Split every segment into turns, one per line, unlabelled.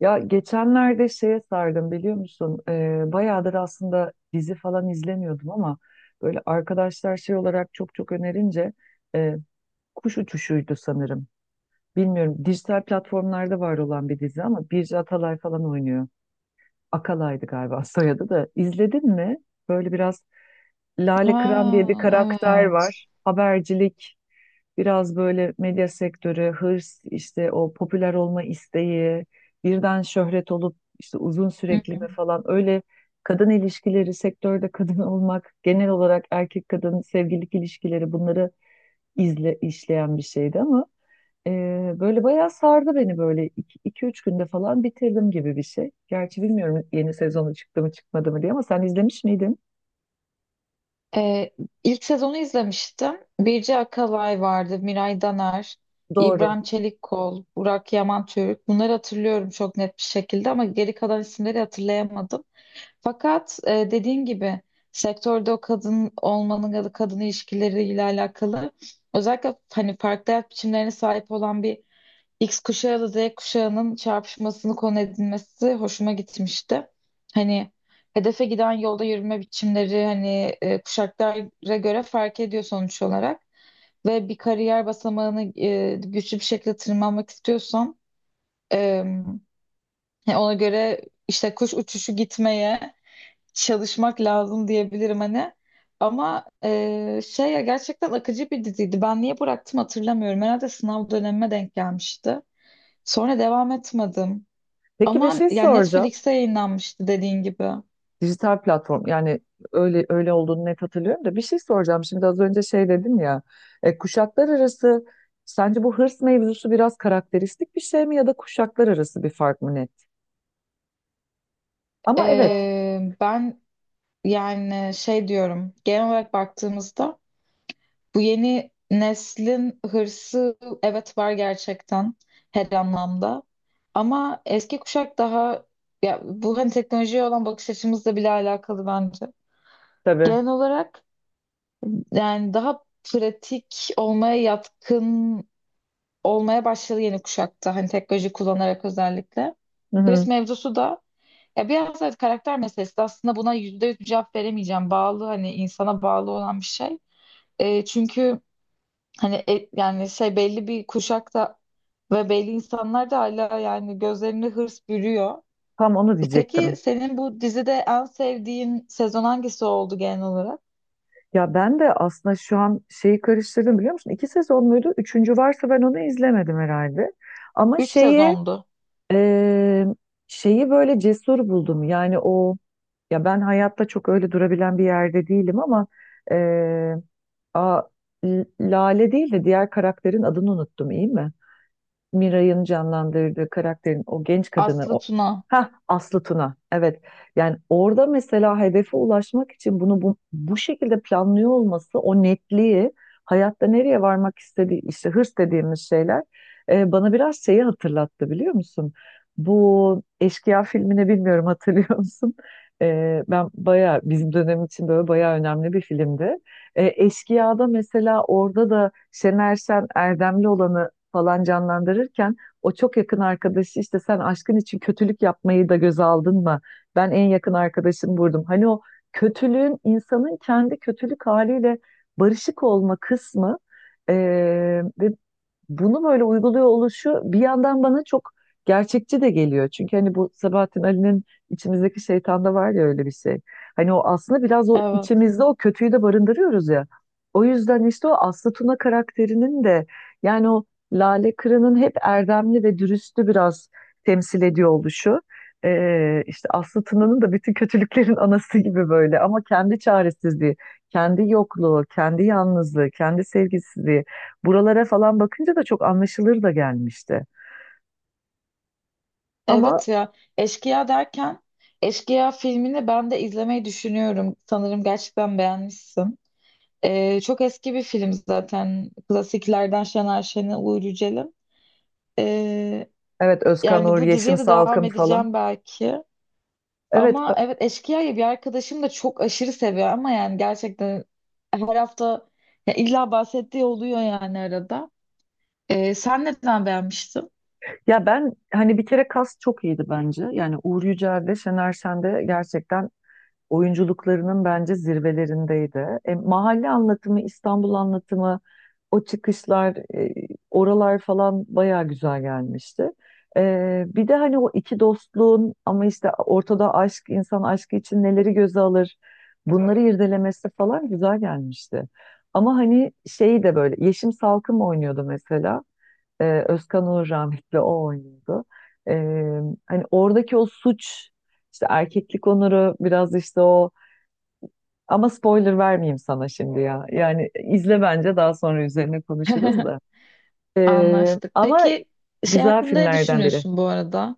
Ya geçenlerde şeye sardım biliyor musun? Bayağıdır aslında dizi falan izlemiyordum ama böyle arkadaşlar şey olarak çok önerince e, Kuş Uçuşu'ydu sanırım. Bilmiyorum dijital platformlarda var olan bir dizi ama Birce Atalay falan oynuyor. Akalay'dı galiba soyadı da. İzledin mi? Böyle biraz Lale Kıran diye bir
Ha,
karakter
evet.
var. Habercilik, biraz böyle medya sektörü, hırs, işte o popüler olma isteği, birden şöhret olup işte uzun
Hı
sürekli
hı.
mi falan öyle kadın ilişkileri, sektörde kadın olmak, genel olarak erkek kadın sevgililik ilişkileri bunları izle, işleyen bir şeydi ama e, böyle bayağı sardı beni böyle iki iki üç günde falan bitirdim gibi bir şey. Gerçi bilmiyorum yeni sezonu çıktı mı çıkmadı mı diye ama sen izlemiş miydin?
Ee, ilk sezonu izlemiştim. Birce Akalay vardı, Miray Daner,
Doğru.
İbrahim Çelikkol, Burak Yaman Türk. Bunları hatırlıyorum çok net bir şekilde ama geri kalan isimleri hatırlayamadım. Fakat dediğin gibi sektörde o kadın olmanın ya da kadın ilişkileriyle alakalı özellikle hani farklı hayat biçimlerine sahip olan bir X kuşağı ile Z kuşağının çarpışmasını konu edinmesi hoşuma gitmişti. Hani hedefe giden yolda yürüme biçimleri hani kuşaklara göre fark ediyor sonuç olarak. Ve bir kariyer basamağını güçlü bir şekilde tırmanmak istiyorsan e, yani ona göre işte kuş uçuşu gitmeye çalışmak lazım diyebilirim hani. Ama şey ya gerçekten akıcı bir diziydi. Ben niye bıraktım hatırlamıyorum. Herhalde sınav dönemime denk gelmişti. Sonra devam etmedim.
Peki bir
Ama
şey
yani
soracağım.
Netflix'te yayınlanmıştı dediğin gibi.
Dijital platform yani öyle olduğunu net hatırlıyorum da bir şey soracağım. Şimdi az önce şey dedim ya kuşaklar arası sence bu hırs mevzusu biraz karakteristik bir şey mi ya da kuşaklar arası bir fark mı net? Ama evet, evet.
Ben yani şey diyorum genel olarak baktığımızda bu yeni neslin hırsı evet var gerçekten her anlamda. Ama eski kuşak daha ya bu hani teknolojiye olan bakış açımızla bile alakalı bence.
Tabii.
Genel olarak yani daha pratik olmaya yatkın olmaya başladı yeni kuşakta. Hani teknoloji kullanarak özellikle.
Hı
Hırs
hı.
mevzusu da ya biraz evet karakter meselesi de aslında buna yüzde yüz bir cevap veremeyeceğim. Bağlı hani insana bağlı olan bir şey. Çünkü hani yani şey belli bir kuşakta ve belli insanlar da hala yani gözlerini hırs bürüyor.
Tam onu
Peki
diyecektim.
senin bu dizide en sevdiğin sezon hangisi oldu genel olarak?
Ya ben de aslında şu an şeyi karıştırdım biliyor musun? İki sezon muydu? Üçüncü varsa ben onu izlemedim herhalde. Ama
3
şeyi
sezondu.
e, şeyi böyle cesur buldum. Yani o, ya ben hayatta çok öyle durabilen bir yerde değilim ama eee, a, Lale değil de diğer karakterin adını unuttum iyi mi? Miray'ın canlandırdığı karakterin o genç kadını
Aslı
o,
Tuna.
ha Aslı Tuna, evet, yani orada mesela hedefe ulaşmak için bunu bu şekilde planlıyor olması o netliği, hayatta nereye varmak istediği işte hırs dediğimiz şeyler bana biraz şeyi hatırlattı biliyor musun? Bu Eşkıya filmini bilmiyorum hatırlıyor musun? Ben bayağı bizim dönem için böyle bayağı önemli bir filmdi. Eşkıya'da mesela orada da Şener Şen Erdemli olanı falan canlandırırken o çok yakın arkadaşı işte sen aşkın için kötülük yapmayı da göze aldın mı? Ben en yakın arkadaşım vurdum. Hani o kötülüğün insanın kendi kötülük haliyle barışık olma kısmı ve bunu böyle uyguluyor oluşu bir yandan bana çok gerçekçi de geliyor. Çünkü hani bu Sabahattin Ali'nin içimizdeki şeytanda var ya öyle bir şey. Hani o aslında biraz o
Evet.
içimizde o kötüyü de barındırıyoruz ya. O yüzden işte o Aslı Tuna karakterinin de yani o Lale Kırı'nın hep erdemli ve dürüstü biraz temsil ediyor oluşu. İşte Aslı Tuna'nın da bütün kötülüklerin anası gibi böyle ama kendi çaresizliği, kendi yokluğu, kendi yalnızlığı, kendi sevgisizliği. Buralara falan bakınca da çok anlaşılır da gelmişti. Ama
Evet ya. Eşkıya derken Eşkıya filmini ben de izlemeyi düşünüyorum. Sanırım gerçekten beğenmişsin. Çok eski bir film zaten. Klasiklerden Şener Şen'e, Uğur Yücel'in. Ee,
evet, Özkan
Yani
Uğur,
bu
Yeşim
diziye de devam
Salkım falan.
edeceğim belki.
Evet
Ama
ba-
evet Eşkıya'yı bir arkadaşım da çok aşırı seviyor ama yani gerçekten her hafta ya illa bahsettiği oluyor yani arada. Sen neden beğenmiştin?
Ya ben hani bir kere kas çok iyiydi bence. Yani Uğur Yücel de Şener Şen de gerçekten oyunculuklarının bence zirvelerindeydi. Mahalle anlatımı, İstanbul anlatımı, o çıkışlar, oralar falan bayağı güzel gelmişti. Bir de hani o iki dostluğun ama işte ortada aşk, insan aşkı için neleri göze alır, bunları irdelemesi falan güzel gelmişti. Ama hani şeyi de böyle, Yeşim Salkım oynuyordu mesela. Özkan Uğur rahmetli o oynuyordu. E, Hani oradaki o suç, işte erkeklik onuru biraz işte o, ama spoiler vermeyeyim sana şimdi ya. Yani izle, bence daha sonra üzerine konuşuruz da.
Anlaştık.
Ama
Peki şey
güzel
hakkında ne
filmlerden biri.
düşünüyorsun bu arada?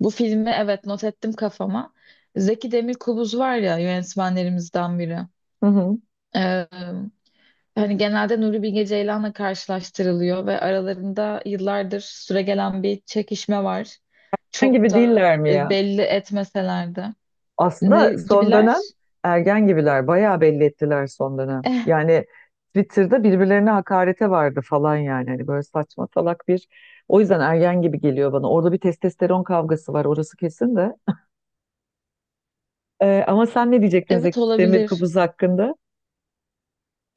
Bu filmi evet not ettim kafama. Zeki Demirkubuz var ya yönetmenlerimizden biri.
Hı hı.
Ee, Yani genelde Nuri Bilge Ceylan'la karşılaştırılıyor ve aralarında yıllardır süregelen bir çekişme var.
Ergen
Çok
gibi
da
değiller mi ya?
belli etmeseler de. Ne
Aslında son dönem
gibiler?
ergen gibiler. Bayağı belli ettiler son dönem.
Eh,
Yani Twitter'da birbirlerine hakarete vardı falan yani. Hani böyle saçma salak bir... O yüzden ergen gibi geliyor bana. Orada bir testosteron kavgası var, orası kesin de. Ama sen ne diyecektin
evet
Zeki Demir
olabilir.
Kubuz hakkında?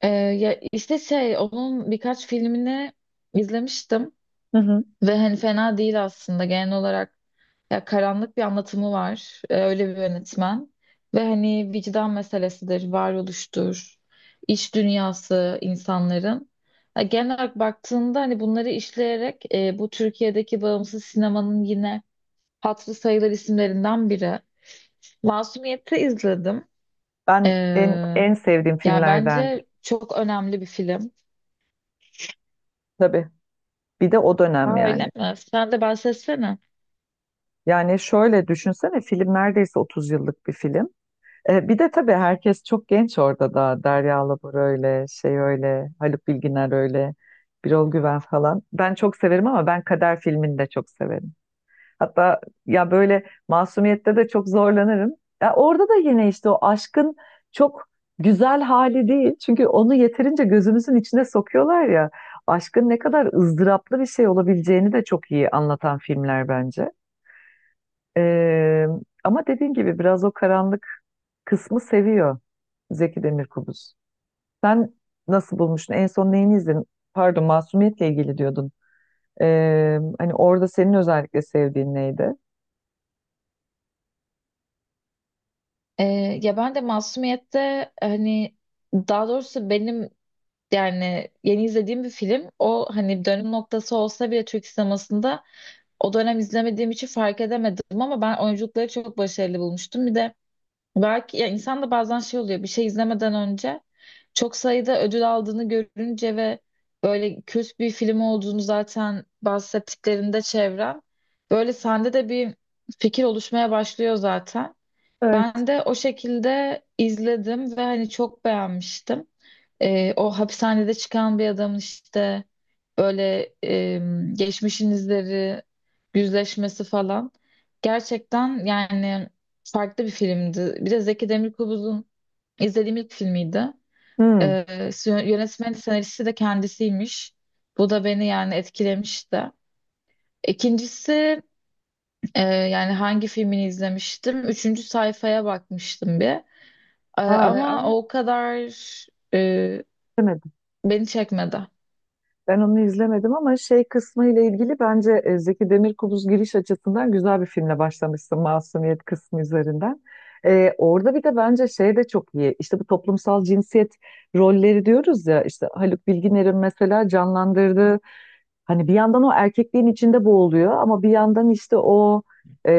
Ya işte şey onun birkaç filmini izlemiştim.
Hı hı.
Ve hani fena değil aslında genel olarak ya karanlık bir anlatımı var. Öyle bir yönetmen. Ve hani vicdan meselesidir, varoluştur, iç dünyası insanların. Ya genel olarak baktığında hani bunları işleyerek bu Türkiye'deki bağımsız sinemanın yine hatırı sayılır isimlerinden biri. Masumiyet'i izledim. Ee,
Ben en, en sevdiğim
Yani
filmlerden.
bence çok önemli bir film.
Tabii. Bir de o dönem
Aa,
yani.
öyle mi? Sen de bahsetsene.
Yani şöyle düşünsene film neredeyse 30 yıllık bir film. Bir de tabii herkes çok genç orada da. Derya Alabor öyle, şey öyle, Haluk Bilginer öyle, Birol Güven falan. Ben çok severim ama ben Kader filmini de çok severim. Hatta ya böyle masumiyette de çok zorlanırım. Ya orada da yine işte o aşkın çok güzel hali değil. Çünkü onu yeterince gözümüzün içine sokuyorlar ya. Aşkın ne kadar ızdıraplı bir şey olabileceğini de çok iyi anlatan filmler bence. Ee, Ama dediğin gibi biraz o karanlık kısmı seviyor Zeki Demirkubuz. Sen nasıl bulmuştun? En son neyini izledin? Pardon, Masumiyet'le ilgili diyordun. Hani orada senin özellikle sevdiğin neydi?
Ee, Ya ben de Masumiyet'te hani daha doğrusu benim yani yeni izlediğim bir film o hani dönüm noktası olsa bile Türk sinemasında o dönem izlemediğim için fark edemedim ama ben oyunculukları çok başarılı bulmuştum. Bir de belki ya insan da bazen şey oluyor bir şey izlemeden önce çok sayıda ödül aldığını görünce ve böyle kült bir film olduğunu zaten bahsettiklerinde çevren böyle sende de bir fikir oluşmaya başlıyor zaten.
Evet.
Ben de o şekilde izledim ve hani çok beğenmiştim. O hapishanede çıkan bir adamın işte böyle geçmişin izleri, yüzleşmesi falan. Gerçekten yani farklı bir filmdi. Bir de Zeki Demirkubuz'un izlediğim ilk filmiydi. Ee,
Hmm.
Yönetmeni, senaristi de kendisiymiş. Bu da beni yani etkilemişti. İkincisi yani hangi filmini izlemiştim? Üçüncü sayfaya bakmıştım bir.
Aa,
Ama o kadar e,
Ama
beni çekmedi.
Ben onu izlemedim ama şey kısmı ile ilgili bence Zeki Demirkubuz giriş açısından güzel bir filmle başlamışsın Masumiyet kısmı üzerinden. Orada bir de bence şey de çok iyi. İşte bu toplumsal cinsiyet rolleri diyoruz ya işte Haluk Bilginer'in mesela canlandırdığı, hani bir yandan o erkekliğin içinde boğuluyor ama bir yandan işte o e,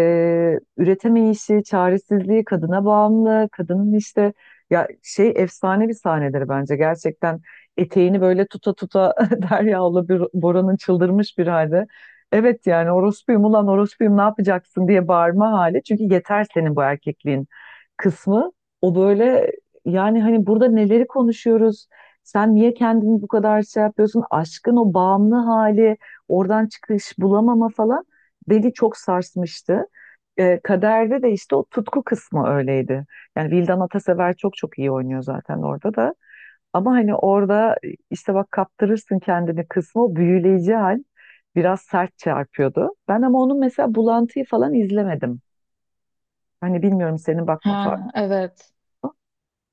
üretemeyişi, çaresizliği, kadına bağımlı, kadının işte, ya şey efsane bir sahneleri bence gerçekten, eteğini böyle tuta tuta Derya'la bir Bora'nın çıldırmış bir halde. Evet, yani orospuyum ulan orospuyum ne yapacaksın diye bağırma hali. Çünkü yeter senin bu erkekliğin kısmı. O böyle, yani hani burada neleri konuşuyoruz? Sen niye kendini bu kadar şey yapıyorsun? Aşkın o bağımlı hali, oradan çıkış bulamama falan beni çok sarsmıştı. Kaderde de işte o tutku kısmı öyleydi. Yani Vildan Atasever çok çok iyi oynuyor zaten orada da. Ama hani orada işte bak kaptırırsın kendini kısmı, o büyüleyici hal biraz sert çarpıyordu. Ben ama onun mesela bulantıyı falan izlemedim. Hani bilmiyorum senin bakma farkı.
Ha, evet.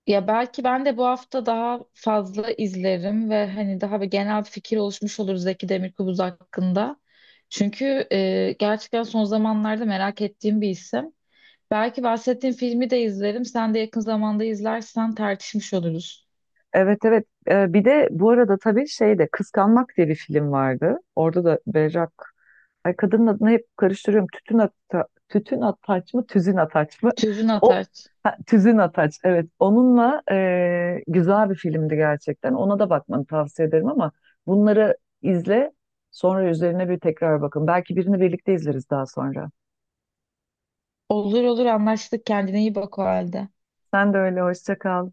Ya belki ben de bu hafta daha fazla izlerim ve hani daha bir genel bir fikir oluşmuş olur Zeki Demirkubuz hakkında. Çünkü gerçekten son zamanlarda merak ettiğim bir isim. Belki bahsettiğim filmi de izlerim. Sen de yakın zamanda izlersen tartışmış oluruz.
Evet, evet. Bir de bu arada tabii şey de Kıskanmak diye bir film vardı. Orada da Berrak, ay kadının adını hep karıştırıyorum. Tütün ata, tütün ataç mı, tüzün ataç mı?
Tüzün
O,
Ataç.
ha, tüzün ataç. Evet, onunla güzel bir filmdi gerçekten. Ona da bakmanı tavsiye ederim ama bunları izle. Sonra üzerine bir tekrar bakın. Belki birini birlikte izleriz daha sonra.
Olur olur anlaştık. Kendine iyi bak o halde.
Sen de öyle. Hoşça kal.